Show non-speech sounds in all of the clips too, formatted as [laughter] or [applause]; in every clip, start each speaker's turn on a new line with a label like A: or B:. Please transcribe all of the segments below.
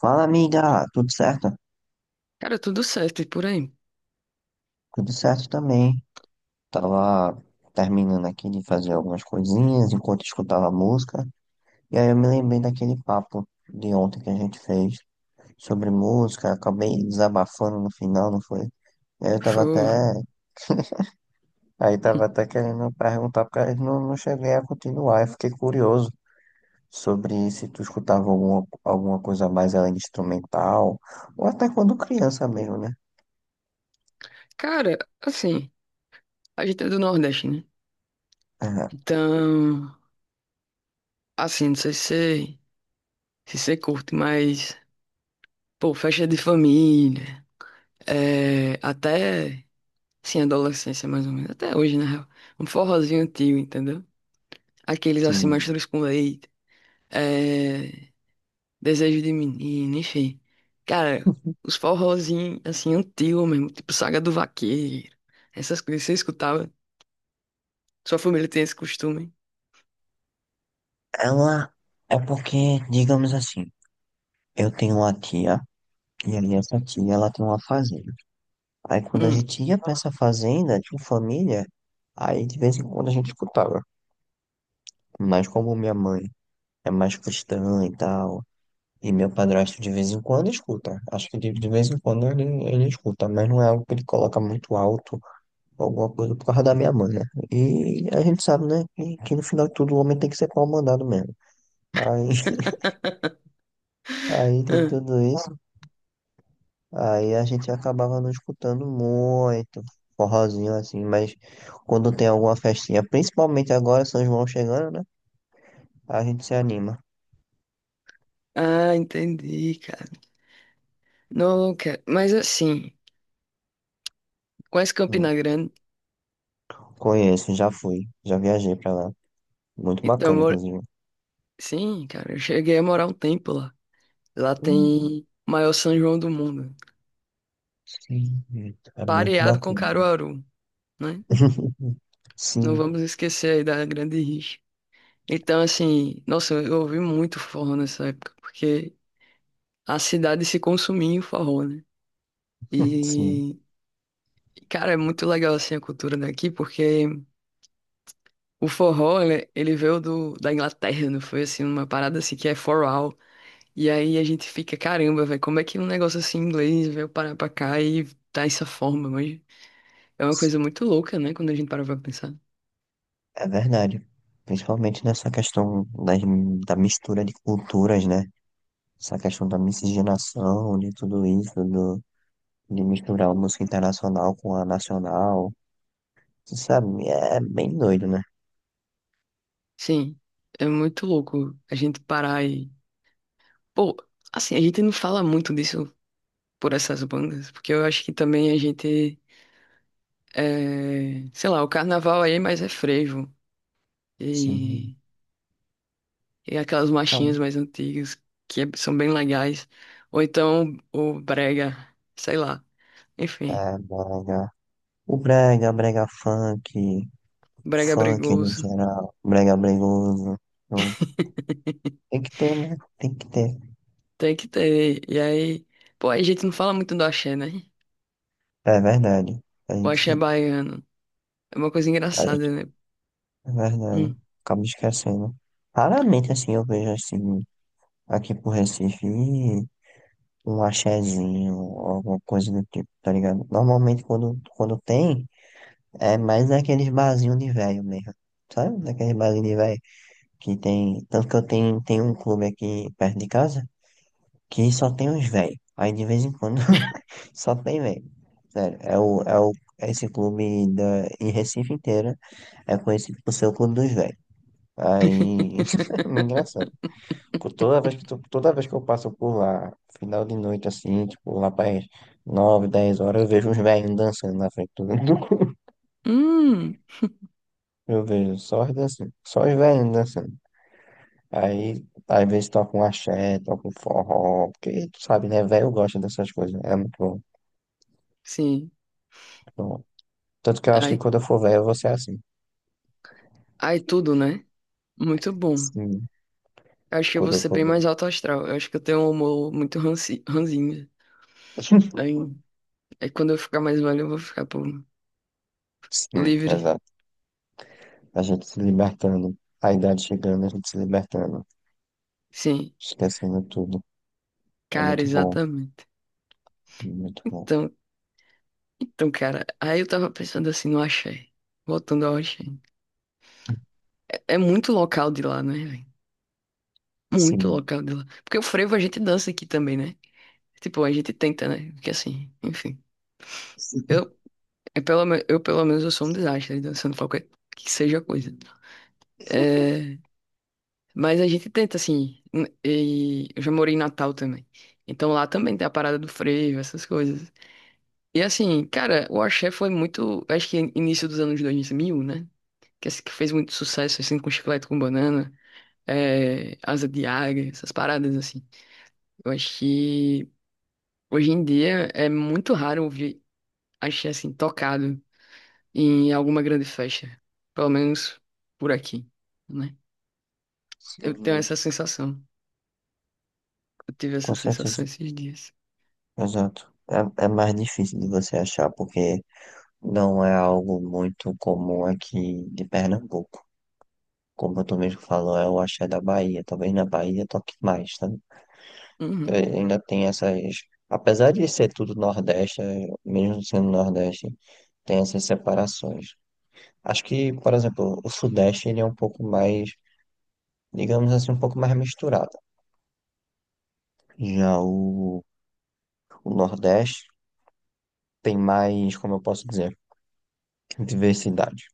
A: Fala, amiga, tudo certo?
B: Cara, tudo certo e por aí.
A: Tudo certo também. Tava terminando aqui de fazer algumas coisinhas enquanto escutava música, e aí eu me lembrei daquele papo de ontem que a gente fez sobre música, acabei desabafando no final, não foi? E aí eu tava até,
B: Show.
A: aí tava até
B: [laughs]
A: querendo perguntar, porque eu não cheguei a continuar, eu fiquei curioso sobre se tu escutava alguma coisa mais além de instrumental, ou até quando criança mesmo, né?
B: Cara, assim, a gente é do Nordeste, né?
A: [laughs] Aham.
B: Então, assim, não sei se você, se você curte, mas, pô, festa de família, é, até, assim, adolescência mais ou menos, até hoje, na real. Um forrozinho antigo, entendeu? Aqueles, assim,
A: Sim.
B: mastros com leite, é, desejo de menino, enfim. Cara, os forrozinhos, assim, antigos mesmo, tipo Saga do Vaqueiro, essas coisas, você escutava? Sua família tem esse costume?
A: Ela É porque, digamos assim, eu tenho uma tia, e aí essa tia ela tem uma fazenda. Aí quando a
B: Hum.
A: gente ia pra essa fazenda, tinha família, aí de vez em quando a gente escutava. Mas como minha mãe é mais cristã e tal, e meu padrasto de vez em quando escuta. Acho que de vez em quando ele escuta, mas não é algo que ele coloca muito alto, ou alguma coisa por causa da minha mãe, né? E a gente sabe, né, que no final de tudo o homem tem que ser pau mandado mesmo. Aí,
B: [laughs]
A: [laughs] aí tem tudo isso. Aí a gente acabava não escutando muito forrozinho assim, mas quando tem alguma festinha, principalmente agora São João chegando, né? A gente se anima.
B: Ah, entendi, cara. Não, cara, mas assim, conhece
A: Hum,
B: Campina Grande?
A: conheço, já fui, já viajei pra lá. Muito
B: Então, eu
A: bacana,
B: moro...
A: inclusive.
B: sim, cara, eu cheguei a morar um tempo lá. Lá
A: Hum,
B: tem o maior São João do mundo,
A: sim, é muito
B: pareado com
A: bacana.
B: Caruaru, né?
A: [laughs]
B: Não
A: Sim,
B: vamos esquecer aí da Grande Rixa. Então, assim, nossa, eu ouvi muito forró nessa época, porque a cidade se consumia em forró, né?
A: sim,
B: E, cara, é muito legal assim a cultura daqui, porque o forró, ele veio da Inglaterra, não foi assim, uma parada assim que é for all. E aí a gente fica, caramba, velho, como é que um negócio assim em inglês veio parar pra cá e tá essa forma? Mas é uma coisa muito louca, né, quando a gente para pra pensar.
A: é verdade. Principalmente nessa questão das, da mistura de culturas, né? Essa questão da miscigenação, de tudo isso, de misturar o música internacional com a nacional. Tu sabe, é bem doido, né?
B: Sim, é muito louco a gente parar e. Pô, assim, a gente não fala muito disso por essas bandas, porque eu acho que também a gente. Sei lá, o carnaval aí é mais é frevo.
A: Sim.
B: E E aquelas
A: Então,
B: marchinhas mais antigas, são bem legais. Ou então o brega, sei lá. Enfim,
A: é brega. O brega, brega funk,
B: brega é
A: funk no
B: bregoso.
A: geral, brega bregoso. Então, tem que ter, né? Tem que ter.
B: Tem que ter. E aí, pô, a gente não fala muito do axé, né?
A: É verdade. A
B: O
A: gente,
B: axé baiano. É uma coisa
A: a
B: engraçada,
A: gente,
B: né?
A: é verdade.
B: Hum.
A: Acabo esquecendo. Raramente, assim, eu vejo, assim, aqui pro Recife, um axezinho, alguma coisa do tipo, tá ligado? Normalmente, quando tem. É mais naqueles barzinhos de velho mesmo. Sabe? Naqueles barzinhos de velho que tem. Tanto que eu tenho um clube aqui perto de casa que só tem uns velhos. Aí de vez em quando [laughs] só tem velho. Sério, esse clube da, em Recife inteira é conhecido por ser o clube dos velhos. Aí [laughs] é meio engraçado.
B: [laughs]
A: Por toda vez que, toda vez que eu passo por lá, final de noite assim, tipo lá para as 9, 10 horas, eu vejo uns velhinhos dançando na frente do. [laughs]
B: Hum,
A: Eu vejo só os dançando, só os velhinhos dançando. Aí, às vezes toca um axé, toca um forró, porque tu sabe, né? Velho gosta dessas coisas, né, é muito bom. Muito
B: sim.
A: bom. Tanto que eu acho que
B: Aí,
A: quando eu for velho, eu vou ser assim.
B: aí tudo, né? Muito bom.
A: Sim,
B: Eu acho que eu vou
A: quando eu
B: ser
A: for
B: bem mais
A: velho.
B: alto astral. Eu acho que eu tenho um humor muito ranzinho. Aí,
A: [laughs]
B: aí quando eu ficar mais velho, eu vou ficar, pô,
A: Sim,
B: livre.
A: exato. A gente se libertando, a idade chegando, a gente se libertando,
B: Sim.
A: esquecendo tudo. É
B: Cara,
A: muito bom,
B: exatamente.
A: muito bom.
B: Então, então, cara, aí eu tava pensando assim no axé. Voltando ao axé. É muito local de lá, né, velho? Muito
A: Sim.
B: local de lá. Porque o frevo a gente dança aqui também, né? Tipo, a gente tenta, né? Porque assim, enfim. Eu,
A: [laughs]
B: eu pelo menos eu sou um desastre dançando qualquer que seja a coisa. É, mas a gente tenta, assim. E eu já morei em Natal também. Então lá também tem a parada do frevo, essas coisas. E assim, cara, o axé foi muito, acho que início dos anos 2000, né? Que é esse que fez muito sucesso, assim, com chiclete com banana, é, asa de águia, essas paradas, assim. Eu acho que hoje em dia é muito raro ouvir axé, assim, tocado em alguma grande festa. Pelo menos por aqui, né? Eu tenho
A: Sim,
B: essa sensação. Eu tive
A: com
B: essa sensação
A: certeza,
B: esses dias.
A: exato. É, é mais difícil de você achar, porque não é algo muito comum aqui de Pernambuco. Como tu mesmo falou, é o axé da Bahia. Talvez na Bahia toque mais, sabe? Então,
B: Uhum.
A: ainda tem essas. Apesar de ser tudo Nordeste, mesmo sendo Nordeste, tem essas separações. Acho que, por exemplo, o Sudeste ele é um pouco mais, digamos assim, um pouco mais misturado. Já o Nordeste tem mais, como eu posso dizer, diversidade,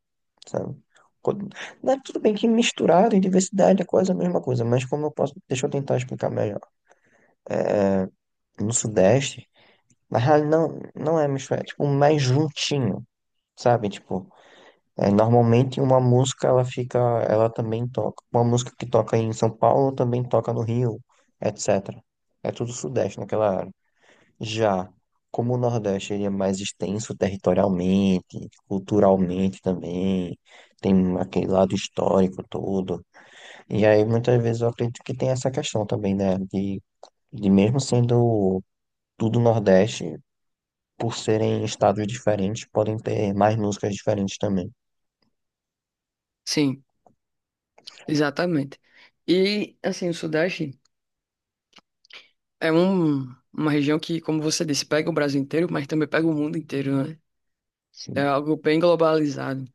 A: sabe? Quando- né, tudo bem que misturado e diversidade é quase a mesma coisa, mas como eu posso, deixa eu tentar explicar melhor. No Sudeste, na real, não é misturado, é tipo mais juntinho, sabe? Tipo, é, normalmente uma música ela fica, ela também toca. Uma música que toca em São Paulo também toca no Rio, etc. É tudo Sudeste naquela área. Já como o Nordeste ele é mais extenso territorialmente, culturalmente também, tem aquele lado histórico todo. E aí muitas vezes eu acredito que tem essa questão também, né? De mesmo sendo tudo Nordeste, por serem estados diferentes, podem ter mais músicas diferentes também.
B: Sim, exatamente. E, assim, o Sudeste é um, uma região que, como você disse, pega o Brasil inteiro, mas também pega o mundo inteiro, né? É
A: Sim,
B: algo bem globalizado.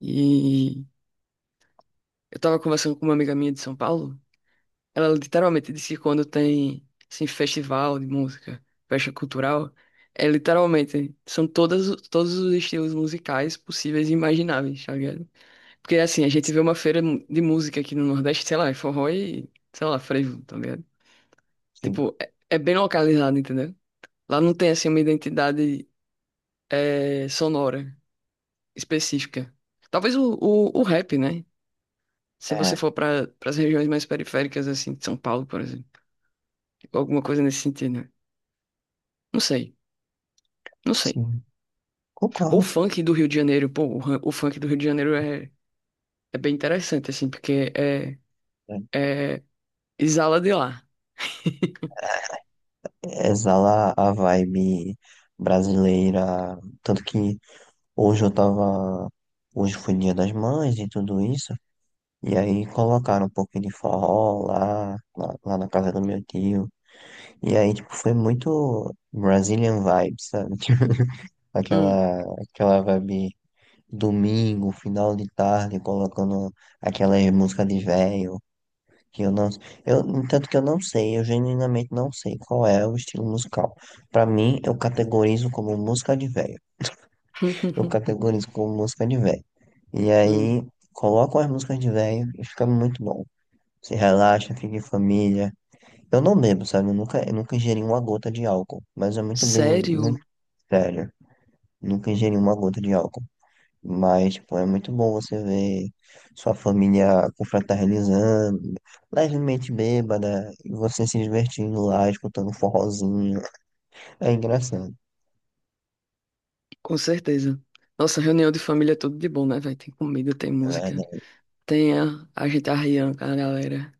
B: E eu tava conversando com uma amiga minha de São Paulo. Ela literalmente disse que quando tem, assim, festival de música, festa cultural, é literalmente, são todos os estilos musicais possíveis e imagináveis, tá ligado? Porque, assim, a gente vê uma de música aqui no Nordeste, sei lá, é forró e, sei lá, frevo, tá ligado?
A: sim,
B: Tipo, é bem localizado, entendeu? Lá não tem, assim, uma identidade sonora específica. Talvez o rap, né? Se você
A: é,
B: for para as regiões mais periféricas, assim, de São Paulo, por exemplo. Alguma coisa nesse sentido, né? Não sei, não sei.
A: sim,
B: Ou
A: concordo.
B: funk do Rio de Janeiro, pô, o funk do Rio de Janeiro é bem interessante, assim, porque
A: É,
B: é, exala de lá.
A: exala a vibe brasileira, tanto que hoje eu tava, hoje foi Dia das Mães e tudo isso, e aí colocaram um pouquinho de forró lá na casa do meu tio, e aí, tipo, foi muito Brazilian vibes, sabe? [laughs]
B: Hum.
A: Aquela vibe domingo, final de tarde, colocando aquelas músicas de velho que eu não, eu, tanto que eu não sei, eu genuinamente não sei qual é o estilo musical. Pra mim, eu categorizo como música de velho. Eu
B: [laughs]
A: categorizo como música de velho. E
B: Hum.
A: aí, coloco as músicas de velho e fica muito bom. Se relaxa, fica em família. Eu não bebo, sabe? Eu nunca ingeri uma gota de álcool, mas é muito bem, muito
B: Sério?
A: sério. Nunca ingeri uma gota de álcool. Mas, tipo, é muito bom você ver sua família confraternizando, levemente bêbada, e você se divertindo lá, escutando um forrozinho. É engraçado,
B: Com certeza. Nossa, reunião de família é tudo de bom, né, velho? Tem comida, tem
A: é
B: música,
A: verdade.
B: tem a gente arriando com a galera.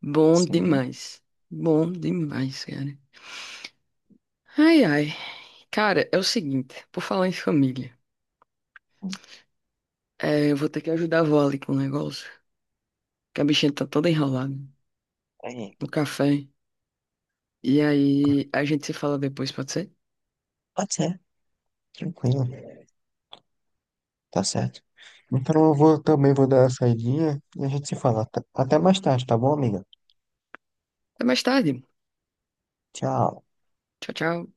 B: Bom
A: Sim.
B: demais. Bom demais, cara. Ai, ai. Cara, é o seguinte, por falar em família, é, eu vou ter que ajudar a vó ali com o negócio, que a bichinha tá toda enrolada
A: É,
B: no café. E aí a gente se fala depois, pode ser?
A: pode ser, tranquilo, tá certo. Então eu vou, também vou dar uma saidinha e a gente se fala. Até mais tarde, tá bom, amiga?
B: Até mais tarde.
A: Tchau.
B: Tchau, tchau.